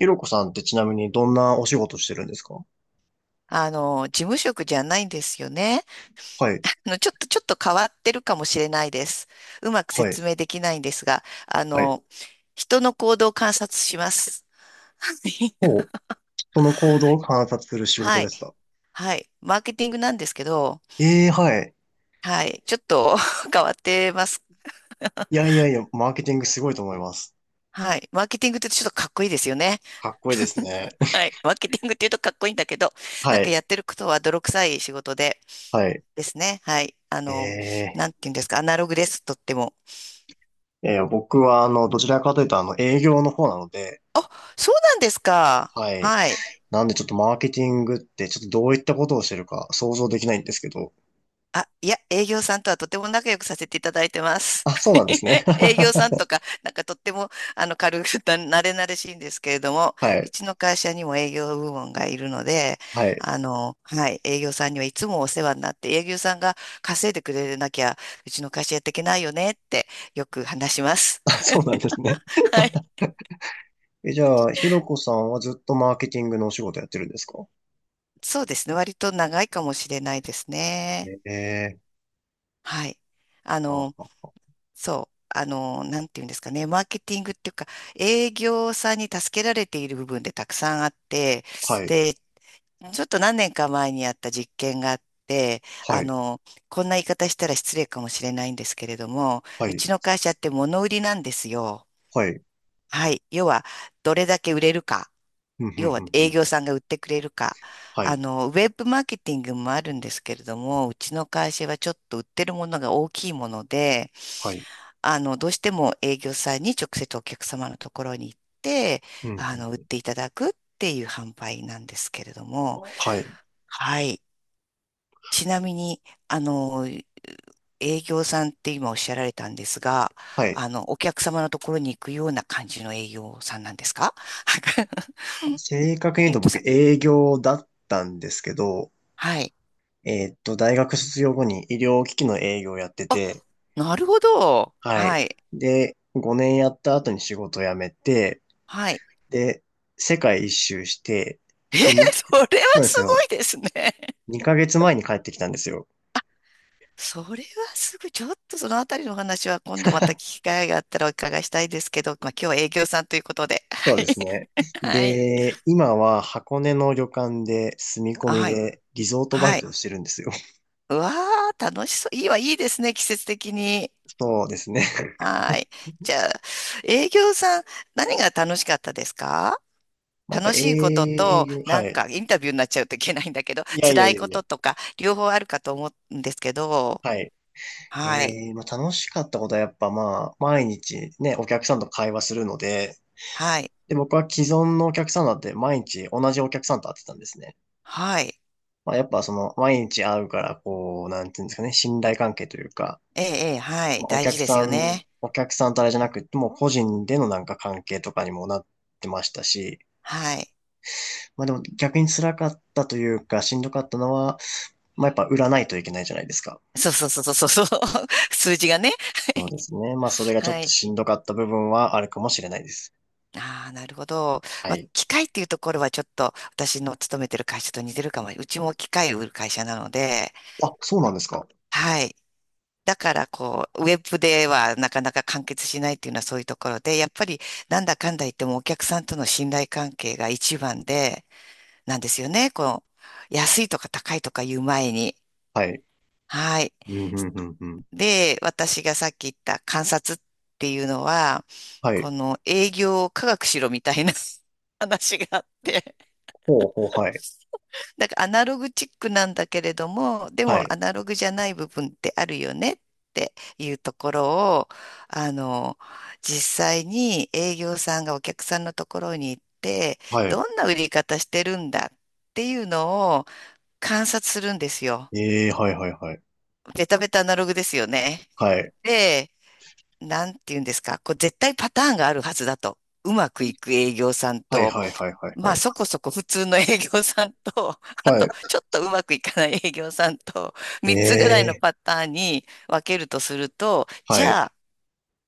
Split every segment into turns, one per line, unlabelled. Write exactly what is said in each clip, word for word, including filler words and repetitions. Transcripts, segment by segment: ひろこさんってちなみにどんなお仕事してるんですか？
あの、事務職じゃないんですよね。
はい、
あの、ちょっと、ちょっと変わってるかもしれないです。うまく
はい、
説明できないんですが、あ
はい。
の、人の行動を観察します。
ほ う、人の行動を観察する仕事
は
で
い。
すか？
はい。マーケティングなんですけど、
ええー、はい。
はい。ちょっと 変わってます。
いやいやいや、マーケティングすごいと思います。
はい。マーケティングってちょっとかっこいいですよね。
かっこいいですね。
はい。マーケティングって言うとかっこいいんだけど、なん
は
か
い、
やってることは泥臭い仕事で
はい。
ですね。はい。あの、
ええ
なんて言うんですか。アナログです。とっても。
ー、いやいや僕はあの、どちらかというとあの、営業の方なので、
あ、そうなんですか。
はい。
はい。
なんでちょっとマーケティングってちょっとどういったことをしてるか想像できないんですけど。
あ、いや、営業さんとはとても仲良くさせていただいてます。
あ、そうなんですね。
営業さ んとか、なんかとっても、あの、軽く、なれなれしいんですけれども、
は
う
い、
ちの会社にも営業部門がいるので、
はい。
あの、はい、営業さんにはいつもお世話になって、営業さんが稼いでくれなきゃ、うちの会社やっていけないよねって、よく話します。
あ、そうなんですね。
は い。
え、じゃあ、ひろこさんはずっとマーケティングのお仕事やってるんですか？
そうですね。割と長いかもしれないですね。
ええー
はい。あ
あ
の、
は
そう、あの、なんていうんですかね、マーケティングっていうか、営業さんに助けられている部分でたくさんあって、
はい、
で、ちょっと何年か前にやった実験があって、
は
あ
い、
の、こんな言い方したら失礼かもしれないんですけれども、
は
う
い、
ちの会社って物売りなんですよ。
はい、
はい。要は、どれだけ売れるか。
うん、うん、
要
う
は
ん、う
営
ん
業さんが売ってくれるか。
は
あ
い、
の、ウェブマーケティングもあるんですけれども、うちの会社はちょっと売ってるものが大きいもので、
はい、
あの、どうしても営業さんに直接お客様のところに行って、
うん、
あの、売っ
うん、
ていただくっていう販売なんですけれども、
はい、
はい。ちなみに、あの、営業さんって今おっしゃられたんですが、
はい。
あの、お客様のところに行くような感じの営業さんなんですか？
正確に言
ゆ
う
っ
と
と
僕
さん。
営業だったんですけど、
はい。
えーっと、大学卒業後に医療機器の営業をやって
あ、
て、
なるほど。
はい。
はい。
で、ごねんやった後に仕事を辞めて、
はい。
で、世界一周して、
えー、
で、に、
それは
そうで
す
す
ご
よ。
いですね。
にかげつまえに帰ってきたんですよ。
それはすぐ、ちょっとそのあたりの話は今度また聞き機会があったらお伺いしたいですけど、まあ、今日は営業さんということで。
そう ですね。
はい。
で、今は箱根の旅館で住み 込み
はい。
でリゾートバ
はい。は
イト
い。
をしてるんですよ。
うわー、楽しそう。いいわ、いいですね、季節的に。
そうですね。
はい。じゃあ、営業さん、何が楽しかったですか？
まあ、やっぱ
楽しいこと
営
と、
業、
な
は
んか
い。
インタビューになっちゃうといけないんだけど、
いやいや
辛
い
い
や
こ
いや。
ととか、両方あるかと思うんですけど、
はい。
はい。
えー、まあ、楽しかったことはやっぱまあ、毎日ね、お客さんと会話するので、
はい。
で、僕は既存のお客さんだって毎日同じお客さんと会ってたんですね。
はい。
まあ、やっぱその、毎日会うから、こう、なんていうんですかね、信頼関係というか、
ええ、ええは
ま
い。
あ、お
大事
客
です
さ
よ
ん、
ね。
お客さんとあれじゃなくて、もう個人でのなんか関係とかにもなってましたし、
はい。
まあでも逆に辛かったというか、しんどかったのは、まあやっぱ売らないといけないじゃないですか。
そうそうそうそうそう。数字がね。
そう ですね。まあそれがちょ
は
っと
い。
しんどかった部分はあるかもしれないです。
ああ、なるほど。
は
まあ、
い。
機械っていうところはちょっと私の勤めてる会社と似てるかも。うちも機械を売る会社なので、
あ、そうなんですか。
はい。だからこう、ウェブではなかなか完結しないっていうのはそういうところで、やっぱりなんだかんだ言ってもお客さんとの信頼関係が一番で、なんですよね。この、安いとか高いとか言う前に。
はい。
はい。
うん、うん、うん、うん。
で、私がさっき言った観察っていうのは、
はい。
この営業を科学しろみたいな 話があって、
ほうほう、はい。
なんかアナログチックなんだけれども、で
は
も
い。
アナログじゃない部分ってあるよねっていうところを、あの、実際に営業さんがお客さんのところに行って、
はい。
どんな売り方してるんだっていうのを観察するんですよ。
ええ、はい、はい、はい。
ベタベタアナログですよね。
はい。
でなんて言うんですか、こう絶対パターンがあるはずだと。うまくいく営業さん
はい、
と、
はい、はい、はい、
ま
は
あ
い。
そこそこ普通の営業さんと、あ
はい。
とちょっとうまくいかない営業さんと、
え
みっつぐらいの
え、
パターンに分けるとすると、
は
じ
い。
ゃあ、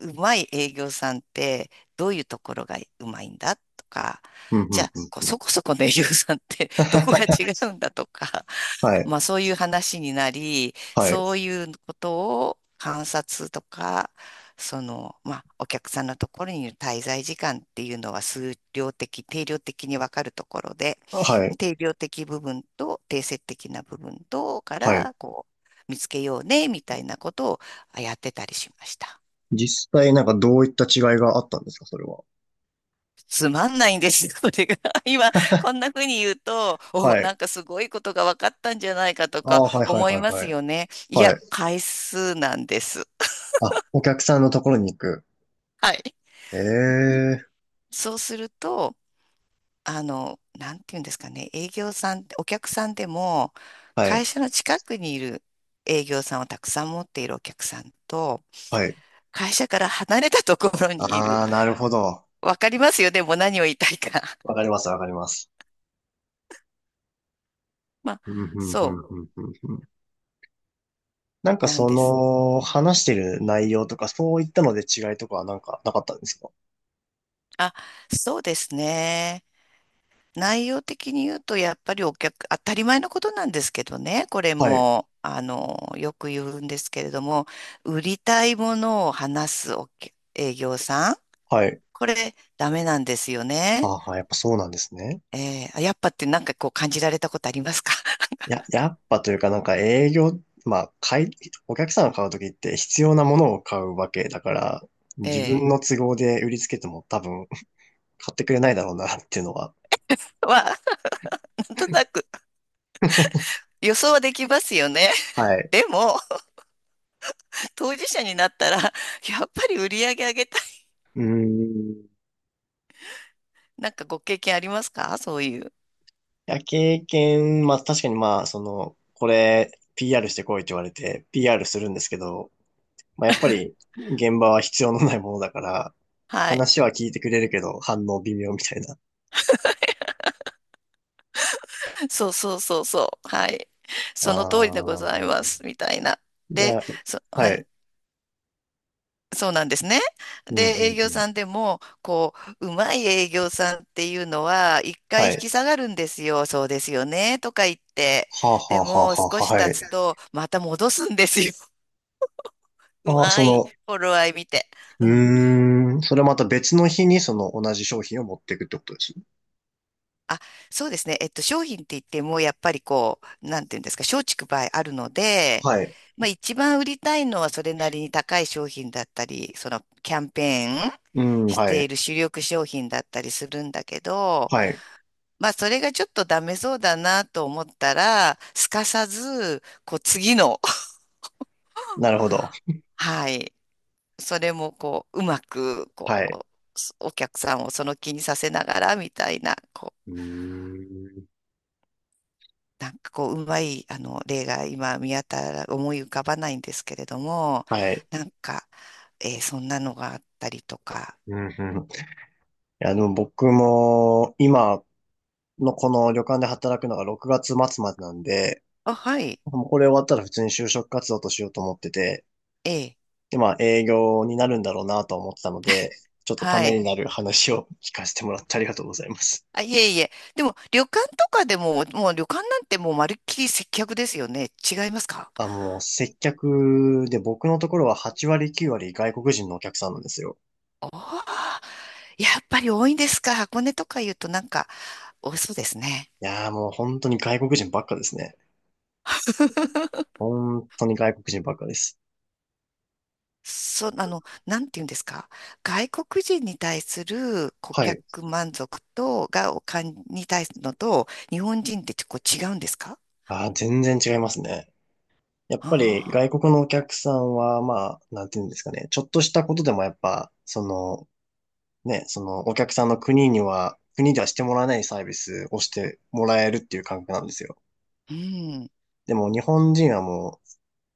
うまい営業さんってどういうところがうまいんだとか、
うん、う
じゃ
ん、
あ、
う
こう
ん、うん。
そこそこの営業さんってどこが 違うんだとか、
はい。
まあそういう話になり、
はい。
そういうことを観察とか、その、まあお客さんのところにいる滞在時間っていうのは数量的、定量的に分かるところで、
はい。
定量的部分と定性的な部分とか
はい。
ら、こう、見つけようね、みたいなことをやってたりしました。
実際なんかどういった違いがあったんですか、それは？
つまんないんですよ、これが。今、こんな風に言うと、お、
はい。
なんかすごいことが分かったんじゃないかと
ああ、
か
はいはい
思い
はい
ま
は
す
い。
よね。い
は
や、
い。
回数なんです。
あ、お客さんのところに行く。
はい。
ええ
そうすると、あの、なんていうんですかね、営業さん、お客さんでも、
はい。
会社の近くにいる営業さんをたくさん持っているお客さんと、
はい。
会社から離れたところにいる。
ああ、なるほど。
わかりますよね、もう何を言いたいか。
わかります、わかります。
まあ、
うん、うん、うん、
そ
うん、うん。うんなんか
うなん
そ
です。
の、話してる内容とか、そういったので違いとかはなんかなかったんですか？
あ、そうですね。内容的に言うと、やっぱりお客、当たり前のことなんですけどね、これ
はい。
も、あの、よく言うんですけれども、売りたいものを話すお客営業さん、
はい。
これ、ダメなんですよね。
ああ、やっぱそうなんですね。
えー、あやっぱってなんかこう感じられたことありますか？
や、やっぱというかなんか営業、まあ、買い、お客さんが買うときって必要なものを買うわけだから、自
え
分の都合で売りつけても多分買ってくれないだろうなっていうのは。
ー、は、なんとなく予想はできますよね。
はい。
でも、当事者になったら、やっぱり売り上げ上げたい。
うーん。い
なんかご経験ありますかそういう。
や、経験、まあ確かにまあ、その、これ ピーアール してこいって言われて ピーアール するんですけど、まあやっぱり現場は必要のないものだから、
はい。
話は聞いてくれるけど反応微妙みたいな。
そうそうそうそう。はい。
あ
その通りでございま
あ。
す。みたいな。
じゃ
で、
あ、
そ、は
はい。
い。そうなんですね。
うん、
で、
う
営
ん、う
業
ん。
さんでも、こう、うまい営業さんっていうのは、一回
は
引
い。
き下がるんですよ。そうですよね。とか言って。
はあは
で
あはあ
も、少
はあ、
し
は
経
い。
つと、また戻すんですよ。う
あ、
ま
そ
い。
の、
頃合い見て。
う
うん。
ーん、それまた別の日にその同じ商品を持っていくってことです。
あ、そうですね。えっと、商品って言っても、やっぱりこう、なんていうんですか、松竹梅あるので、
はい。
まあ一番売りたいのはそれなりに高い商品だったり、そのキャンペーン
うん、
し
は
てい
い。
る主力商品だったりするんだけど、
はい。
まあそれがちょっとダメそうだなと思ったら、すかさず、こう次の、
なるほど。
はい、それもこう、うまく、こ
はい。
う、お客さんをその気にさせながらみたいな、こ
う
う、
ーん。
なんかこう、うまい、あの、例が今見当たら、思い浮かばないんですけれども、
はい。
なんか、えーそんなのがあったりとか。
うん、うん。いや、でも僕も今のこの旅館で働くのがろくがつ末までなんで、
あ、はい。
もうこれ終わったら普通に就職活動としようと思ってて、
ええ、
で、まあ営業になるんだろうなと思ってたので、ちょっとた
は
め
い。
になる話を聞かせてもらってありがとうございます。
あ、いえいえ。でも、旅館とかでも、もう旅館なんてもうまるっきり接客ですよね。違いますか？
あ、もう接客で僕のところははち割きゅう割外国人のお客さんなんですよ。
おおー、やっぱり多いんですか。箱根とか言うとなんか多そうですね。
いやーもう本当に外国人ばっかですね。本当に外国人ばっかです。
そう、あの、なんて言うんですか。外国人に対する顧
はい。
客満足と、が、お金に対するのと、日本人ってちょっと違うんですか？
あー、全然違いますね。やっぱり
あ
外国のお客さんは、まあ、なんていうんですかね。ちょっとしたことでもやっぱ、その、ね、そのお客さんの国には、国ではしてもらえないサービスをしてもらえるっていう感覚なんですよ。
あー、うん。
でも日本人はもう、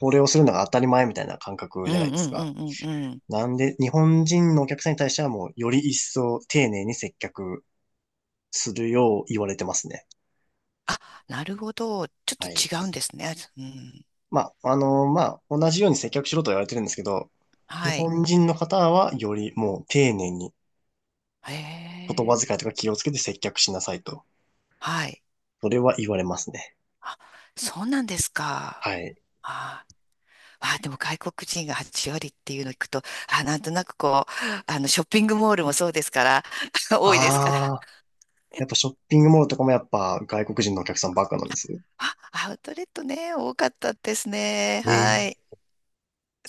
これをするのが当たり前みたいな感覚
うん
じゃないで
う
す
んう
か。
んうんうん。
なんで、日本人のお客さんに対してはもう、より一層丁寧に接客するよう言われてますね。
あ、なるほど。ちょっ
は
と
い。
違うんですね。うん。
まあ、あのまあ、同じように接客しろとは言われてるんですけど、日
はい。
本人の方はよりもう丁寧に
へ
言葉
え。
遣いとか気をつけて接客しなさいと。
はい。
それは言われますね。
あ、そうなんですか。
はい。
ああでも外国人がはち割っていうのを聞くと、あ、なんとなくこう、あの、ショッピングモールもそうですから、多いですから、
ああ、やっぱショッピングモールとかもやっぱ外国人のお客さんばっかなんですよ。
あ、アウトレットね、多かったですね。
え
はい。
え、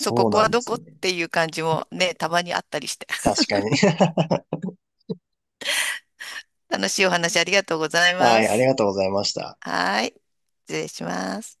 そう、こ
う
こ
な
は
んで
ど
す
こっ
ね。
ていう感じもね、たまにあったりして。
確かに。
楽しいお話ありがとうござい
は
ま
い、あり
す。
がとうございました。
はい。失礼します。